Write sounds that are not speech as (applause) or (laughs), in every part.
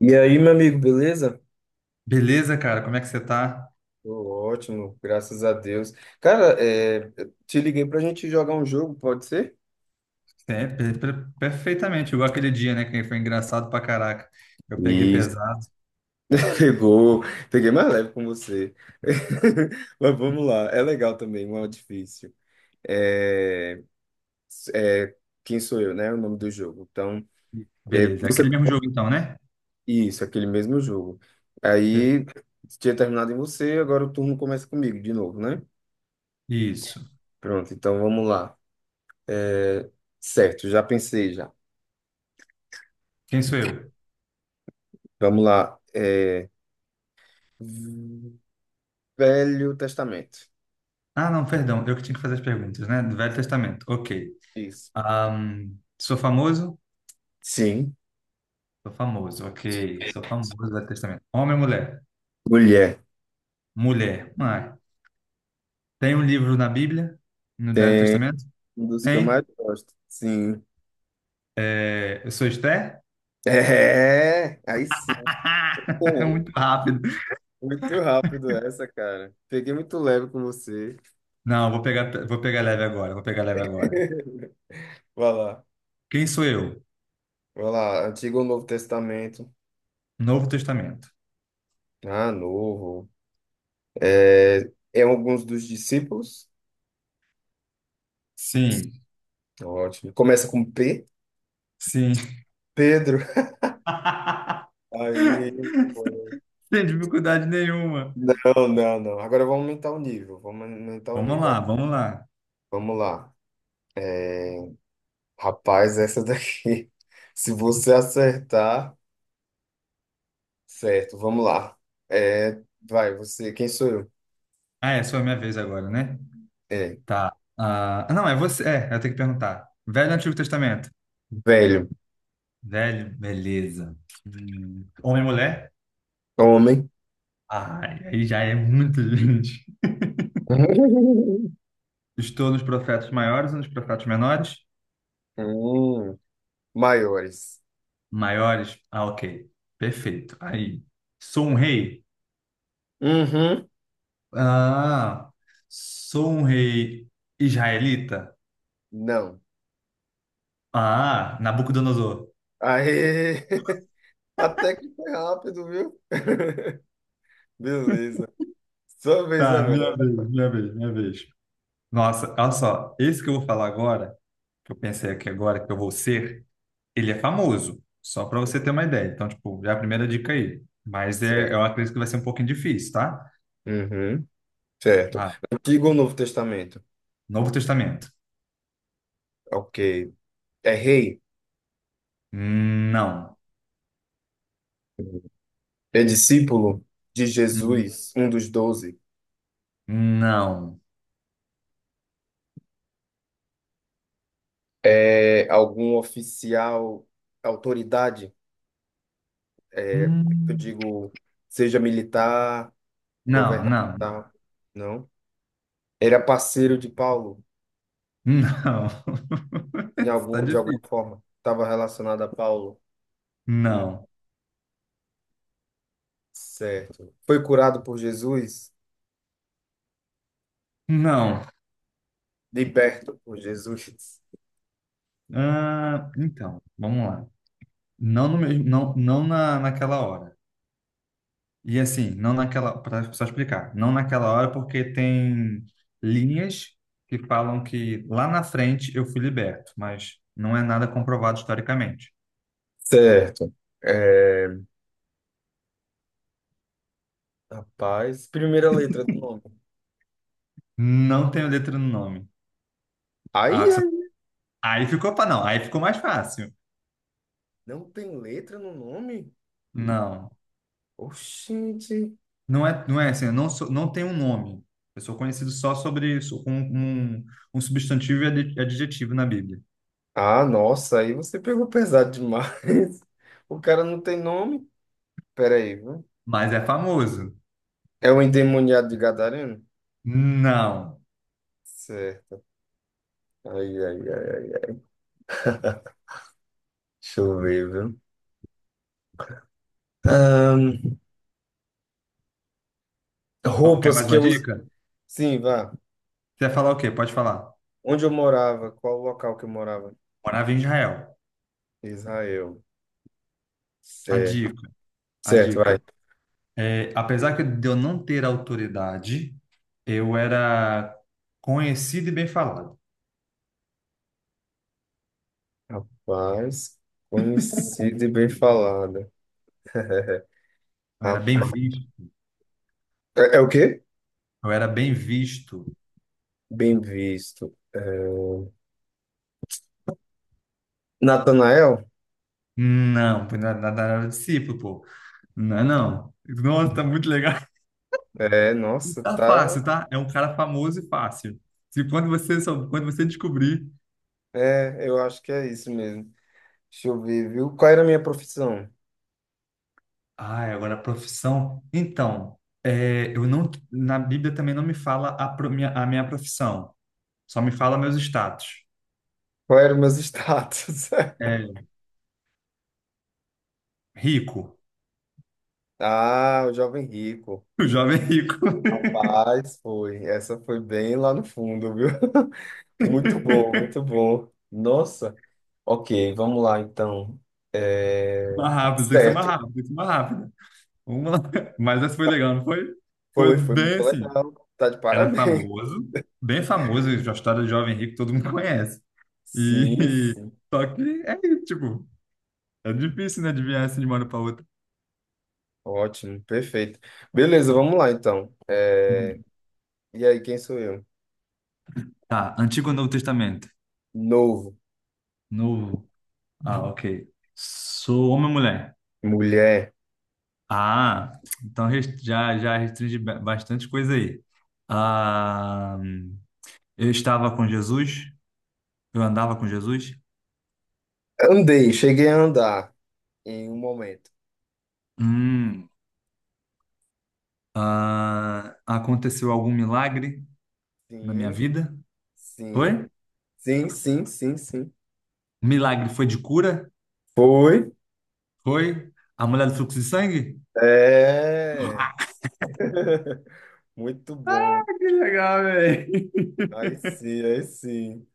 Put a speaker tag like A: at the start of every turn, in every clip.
A: E aí, meu amigo, beleza?
B: Beleza, cara? Como é que você tá?
A: Tô ótimo, graças a Deus. Cara, eu te liguei pra gente jogar um jogo, pode ser?
B: É, perfeitamente, igual aquele dia, né? Que foi engraçado pra caraca. Eu peguei
A: Isso.
B: pesado.
A: (laughs) Pegou, peguei mais leve com você. (laughs) Mas vamos lá, é legal também, não é difícil. É, é, quem sou eu, né? O nome do jogo. Então,
B: Beleza. É aquele mesmo jogo então, né?
A: isso, aquele mesmo jogo.
B: Per-
A: Aí, tinha terminado em você, agora o turno começa comigo de novo, né?
B: Isso.
A: Pronto, então vamos lá. Certo, já pensei já.
B: Quem sou eu?
A: Vamos lá. Velho Testamento.
B: Ah, não, perdão. Eu que tinha que fazer as perguntas, né? Do Velho Testamento. Ok.
A: Isso.
B: Sou famoso?
A: Sim.
B: Sou famoso, ok. Sou famoso do Velho Testamento. Homem ou mulher?
A: Mulher.
B: Mulher. Ah, tem um livro na Bíblia? No Velho
A: Tem
B: Testamento?
A: um dos que eu mais
B: Tem.
A: gosto. Sim. (laughs)
B: É, eu sou Esther?
A: É, aí sim.
B: (laughs)
A: Pô,
B: Muito rápido.
A: muito rápido essa, cara. Peguei muito leve com você.
B: Não, vou pegar leve agora, vou pegar leve agora.
A: Vai lá.
B: Quem sou eu?
A: Vai lá. Antigo ou Novo Testamento?
B: Novo Testamento.
A: Ah, novo. É, é alguns dos discípulos.
B: Sim,
A: Ótimo. Começa com P.
B: sim.
A: Pedro. (laughs)
B: (laughs)
A: Aí, muito bom.
B: Sem dificuldade nenhuma.
A: Não, não, não. Agora vamos aumentar o nível. Vamos aumentar o
B: Vamos
A: nível.
B: lá, vamos lá.
A: Vamos lá. É, rapaz, essa daqui. (laughs) Se você acertar, certo, vamos lá. É, vai, você, quem sou eu?
B: Ah, é só a minha vez agora, né?
A: É,
B: Tá. Ah, não, é você. É, eu tenho que perguntar. Velho ou Antigo Testamento?
A: velho,
B: Velho, beleza. Homem e mulher?
A: homem,
B: Ai, aí já é muita gente.
A: (laughs)
B: Estou nos profetas maiores ou nos profetas menores?
A: hum, maiores.
B: Maiores? Ah, ok. Perfeito. Aí. Sou um rei?
A: Uhum,
B: Ah, sou um rei israelita?
A: não.
B: Ah, Nabucodonosor.
A: Aê! (laughs) Até que foi rápido, viu? (laughs) Beleza. Sua vez
B: Tá,
A: agora.
B: minha vez, minha vez, minha vez. Nossa, olha só, esse que eu vou falar agora, que eu pensei aqui agora que eu vou ser, ele é famoso, só para você ter
A: Certo.
B: uma ideia. Então, tipo, já é a primeira dica aí. Mas é,
A: Certo.
B: eu acredito que vai ser um pouquinho difícil, tá?
A: Uhum, certo.
B: Ah,
A: Antigo ou Novo Testamento?
B: Novo Testamento.
A: Ok. É rei?
B: Não.
A: É discípulo de
B: Hum,
A: Jesus, um dos doze,
B: Não.
A: é algum oficial, autoridade, é, eu
B: Hum,
A: digo, seja militar,
B: Não, não, não.
A: governamental, não? Era parceiro de Paulo,
B: Não.
A: em
B: (laughs)
A: algum,
B: Está
A: de alguma
B: difícil.
A: forma, estava relacionado a Paulo. Hum,
B: Não.
A: Certo. Foi curado por Jesus,
B: Não.
A: liberto por Jesus.
B: Ah, então, vamos lá. Não no mesmo, não, naquela hora. E assim, não naquela, para só explicar, não naquela hora porque tem linhas que falam que lá na frente eu fui liberto, mas não é nada comprovado historicamente.
A: Certo. É, rapaz, primeira letra do nome.
B: Não tenho letra no nome.
A: Aí,
B: Ah, isso-
A: aí,
B: Aí ficou para não, aí ficou mais fácil.
A: não tem letra no nome?
B: Não,
A: Oxente.
B: não é, não é assim, eu não sou, não tenho um nome. Eu sou conhecido só sobre isso, com um, um substantivo e adjetivo na Bíblia.
A: Ah, nossa, aí você pegou pesado demais. (laughs) O cara não tem nome? Pera aí, viu?
B: Mas é famoso.
A: É o endemoniado de Gadareno?
B: Não.
A: Certo. Ai, ai, ai, ai. Deixa eu ver, viu? Ahn,
B: Quer
A: Roupas
B: mais
A: que
B: uma
A: eu uso.
B: dica?
A: Sim, vá.
B: Você vai falar o quê? Pode falar.
A: Onde eu morava? Qual o local que eu morava?
B: Morava em Israel.
A: Israel.
B: A
A: Certo.
B: dica, a
A: Certo, vai.
B: dica. É, apesar que de eu não ter autoridade, eu era conhecido e bem falado.
A: Rapaz, conhecida e bem falada. (laughs)
B: Eu era bem
A: Rapaz.
B: visto.
A: É, é o quê?
B: Eu era bem visto.
A: Bem visto. É, Natanael?
B: Não, pô, nada nada era discípulo, pô. Não, é não. Nossa, tá muito legal. (laughs)
A: É, nossa,
B: Tá
A: tá.
B: fácil, tá? É um cara famoso e fácil. Se quando você, quando você descobrir,
A: É, eu acho que é isso mesmo. Deixa eu ver, viu? Qual era a minha profissão?
B: Ah, agora a profissão. Então, é, eu não, na Bíblia também não me fala a, minha, a minha profissão. Só me fala meus status.
A: Qual era o meu status? (laughs)
B: É, rico. (laughs)
A: Ah, o jovem rico.
B: O jovem rico.
A: Rapaz, foi. Essa foi bem lá no fundo, viu? (laughs) Muito
B: (laughs)
A: bom, muito bom. Nossa. Ok, vamos lá então. É,
B: Mais rápido, tem que ser mais
A: certo.
B: rápido, tem que ser mais rápido. Vamos lá. Mas essa foi legal, não foi? Foi
A: Foi, foi
B: bem
A: muito
B: assim.
A: legal. Tá de
B: Era
A: parabéns.
B: famoso, bem famoso, a história do jovem rico todo mundo conhece.
A: (laughs) Sim,
B: E
A: sim.
B: (laughs) só que é isso, tipo, é difícil, né, adivinhar assim de uma hora para outra.
A: Ótimo, perfeito. Beleza, vamos lá então. É,
B: Hum.
A: e aí, quem sou eu?
B: Tá, Antigo ou Novo Testamento?
A: Novo.
B: Novo. Ah, ok. Sou homem ou mulher?
A: Mulher.
B: Ah, então já restringe bastante coisa aí. Ah, eu estava com Jesus? Eu andava com Jesus?
A: Andei, cheguei a andar em um momento.
B: Hum, ah, aconteceu algum milagre na minha
A: Sim,
B: vida?
A: sim,
B: Foi?
A: sim, sim, sim, sim.
B: Milagre foi de cura?
A: Foi.
B: Foi? A mulher do fluxo de sangue? (laughs)
A: É. (laughs) Muito bom.
B: Que legal, velho.
A: Aí sim, aí sim.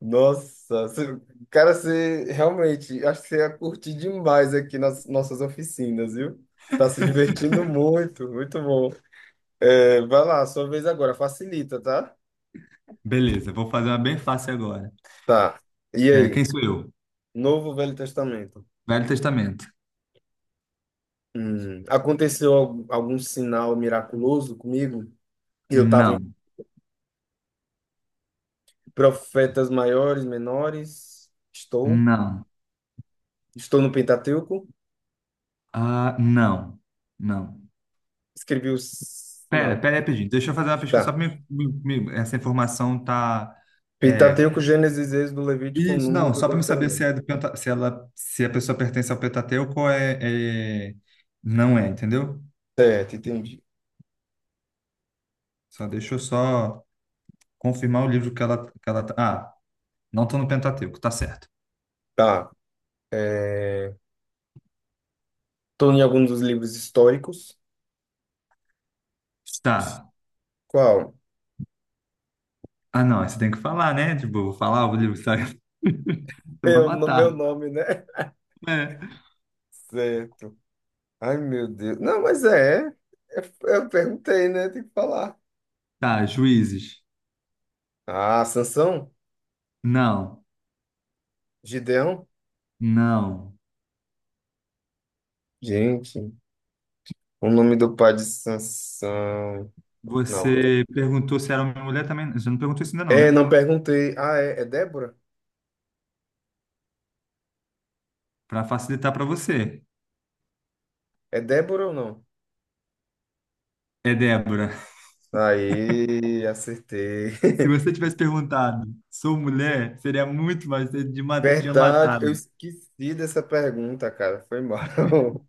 A: Nossa, você- cara, você realmente, acho que você ia curtir demais aqui nas nossas oficinas, viu? Está se divertindo muito, muito bom. É, vai lá, sua vez agora, facilita, tá?
B: Beleza, vou fazer uma bem fácil agora.
A: Tá. E
B: É,
A: aí?
B: quem sou eu?
A: Novo ou Velho Testamento.
B: Velho Testamento.
A: Aconteceu al- algum sinal miraculoso comigo? Eu estava em
B: Não,
A: Profetas Maiores, Menores. Estou.
B: não,
A: Estou no Pentateuco.
B: ah, não, não.
A: Escrevi os.
B: Pera,
A: Não.
B: pera aí, pedido. Deixa eu fazer uma pesquisa só
A: Tá.
B: para me, essa informação tá. É,
A: Pentateuco, Gênesis, Êxodo, Levítico,
B: isso, não,
A: Número,
B: só para me saber se
A: Deuteronômio.
B: é do penta, se ela, se a pessoa pertence ao Pentateuco ou é- não é, entendeu?
A: Certo, entendi.
B: Só deixa eu só confirmar o livro que ela tá. Ah, não tô no Pentateuco, tá certo.
A: Tá. É... estou em algum dos livros históricos.
B: Tá.
A: Qual?
B: Ah, não, você tem que falar, né? Tipo, eu vou falar o livro, sabe? (laughs) Você vai
A: Eu, no
B: matar.
A: meu nome, né?
B: É.
A: Certo. Ai, meu Deus. Não, mas é. É- Eu perguntei, né? Tem que falar.
B: Tá, juízes.
A: Ah, Sansão?
B: Não,
A: Gideão?
B: não.
A: Gente, o nome do pai de Sansão. Não.
B: Você perguntou se era homem ou mulher também. Você não perguntou isso ainda, não,
A: É,
B: né?
A: não perguntei. Ah, é, é Débora?
B: Para facilitar para você.
A: É Débora ou não?
B: É Débora. (laughs)
A: Aí, acertei.
B: Se você
A: (laughs)
B: tivesse perguntado, sou mulher, seria muito mais, você tinha
A: Verdade, eu
B: matado.
A: esqueci dessa pergunta, cara. Foi mal. (laughs)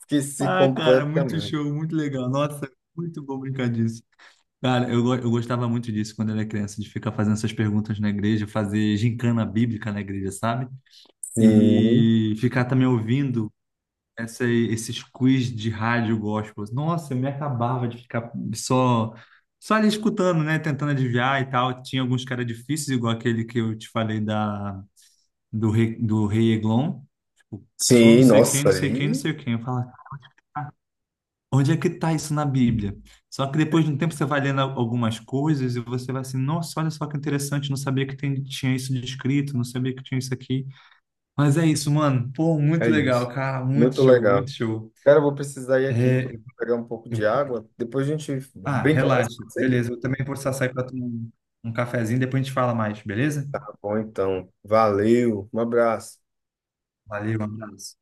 A: Esqueci
B: Ah, cara, muito
A: completamente.
B: show, muito legal. Nossa, muito bom brincar disso. Cara, eu, eu gostava muito disso quando era criança, de ficar fazendo essas perguntas na igreja, fazer gincana bíblica na igreja, sabe?
A: Sim.
B: E ficar também ouvindo essa, esses quiz de rádio gospel. Nossa, eu me acabava de ficar só, só ali escutando, né? Tentando adivinhar e tal. Tinha alguns caras difíceis, igual aquele que eu te falei da, do rei Eglon. Tipo, sou não
A: Sim,
B: sei quem,
A: nossa,
B: não sei quem, não
A: ali
B: sei quem. Eu falo, onde é que tá isso na Bíblia? Só que depois de um tempo você vai lendo algumas coisas e você vai assim, nossa, olha só que interessante, não sabia que tinha isso descrito, não sabia que tinha isso aqui. Mas é isso, mano. Pô, muito
A: é
B: legal,
A: isso.
B: cara. Muito
A: Muito
B: show,
A: legal.
B: muito show.
A: Cara, eu vou precisar ir aqui, que eu
B: É,
A: vou pegar um pouco
B: eu
A: de
B: vou-
A: água. Depois a gente
B: Ah,
A: brinca mais
B: relaxa.
A: com você.
B: Beleza, eu também vou precisar sair para tomar um, um cafezinho, depois a gente fala mais, beleza?
A: Tá bom, então. Valeu. Um abraço.
B: Valeu, um abraço.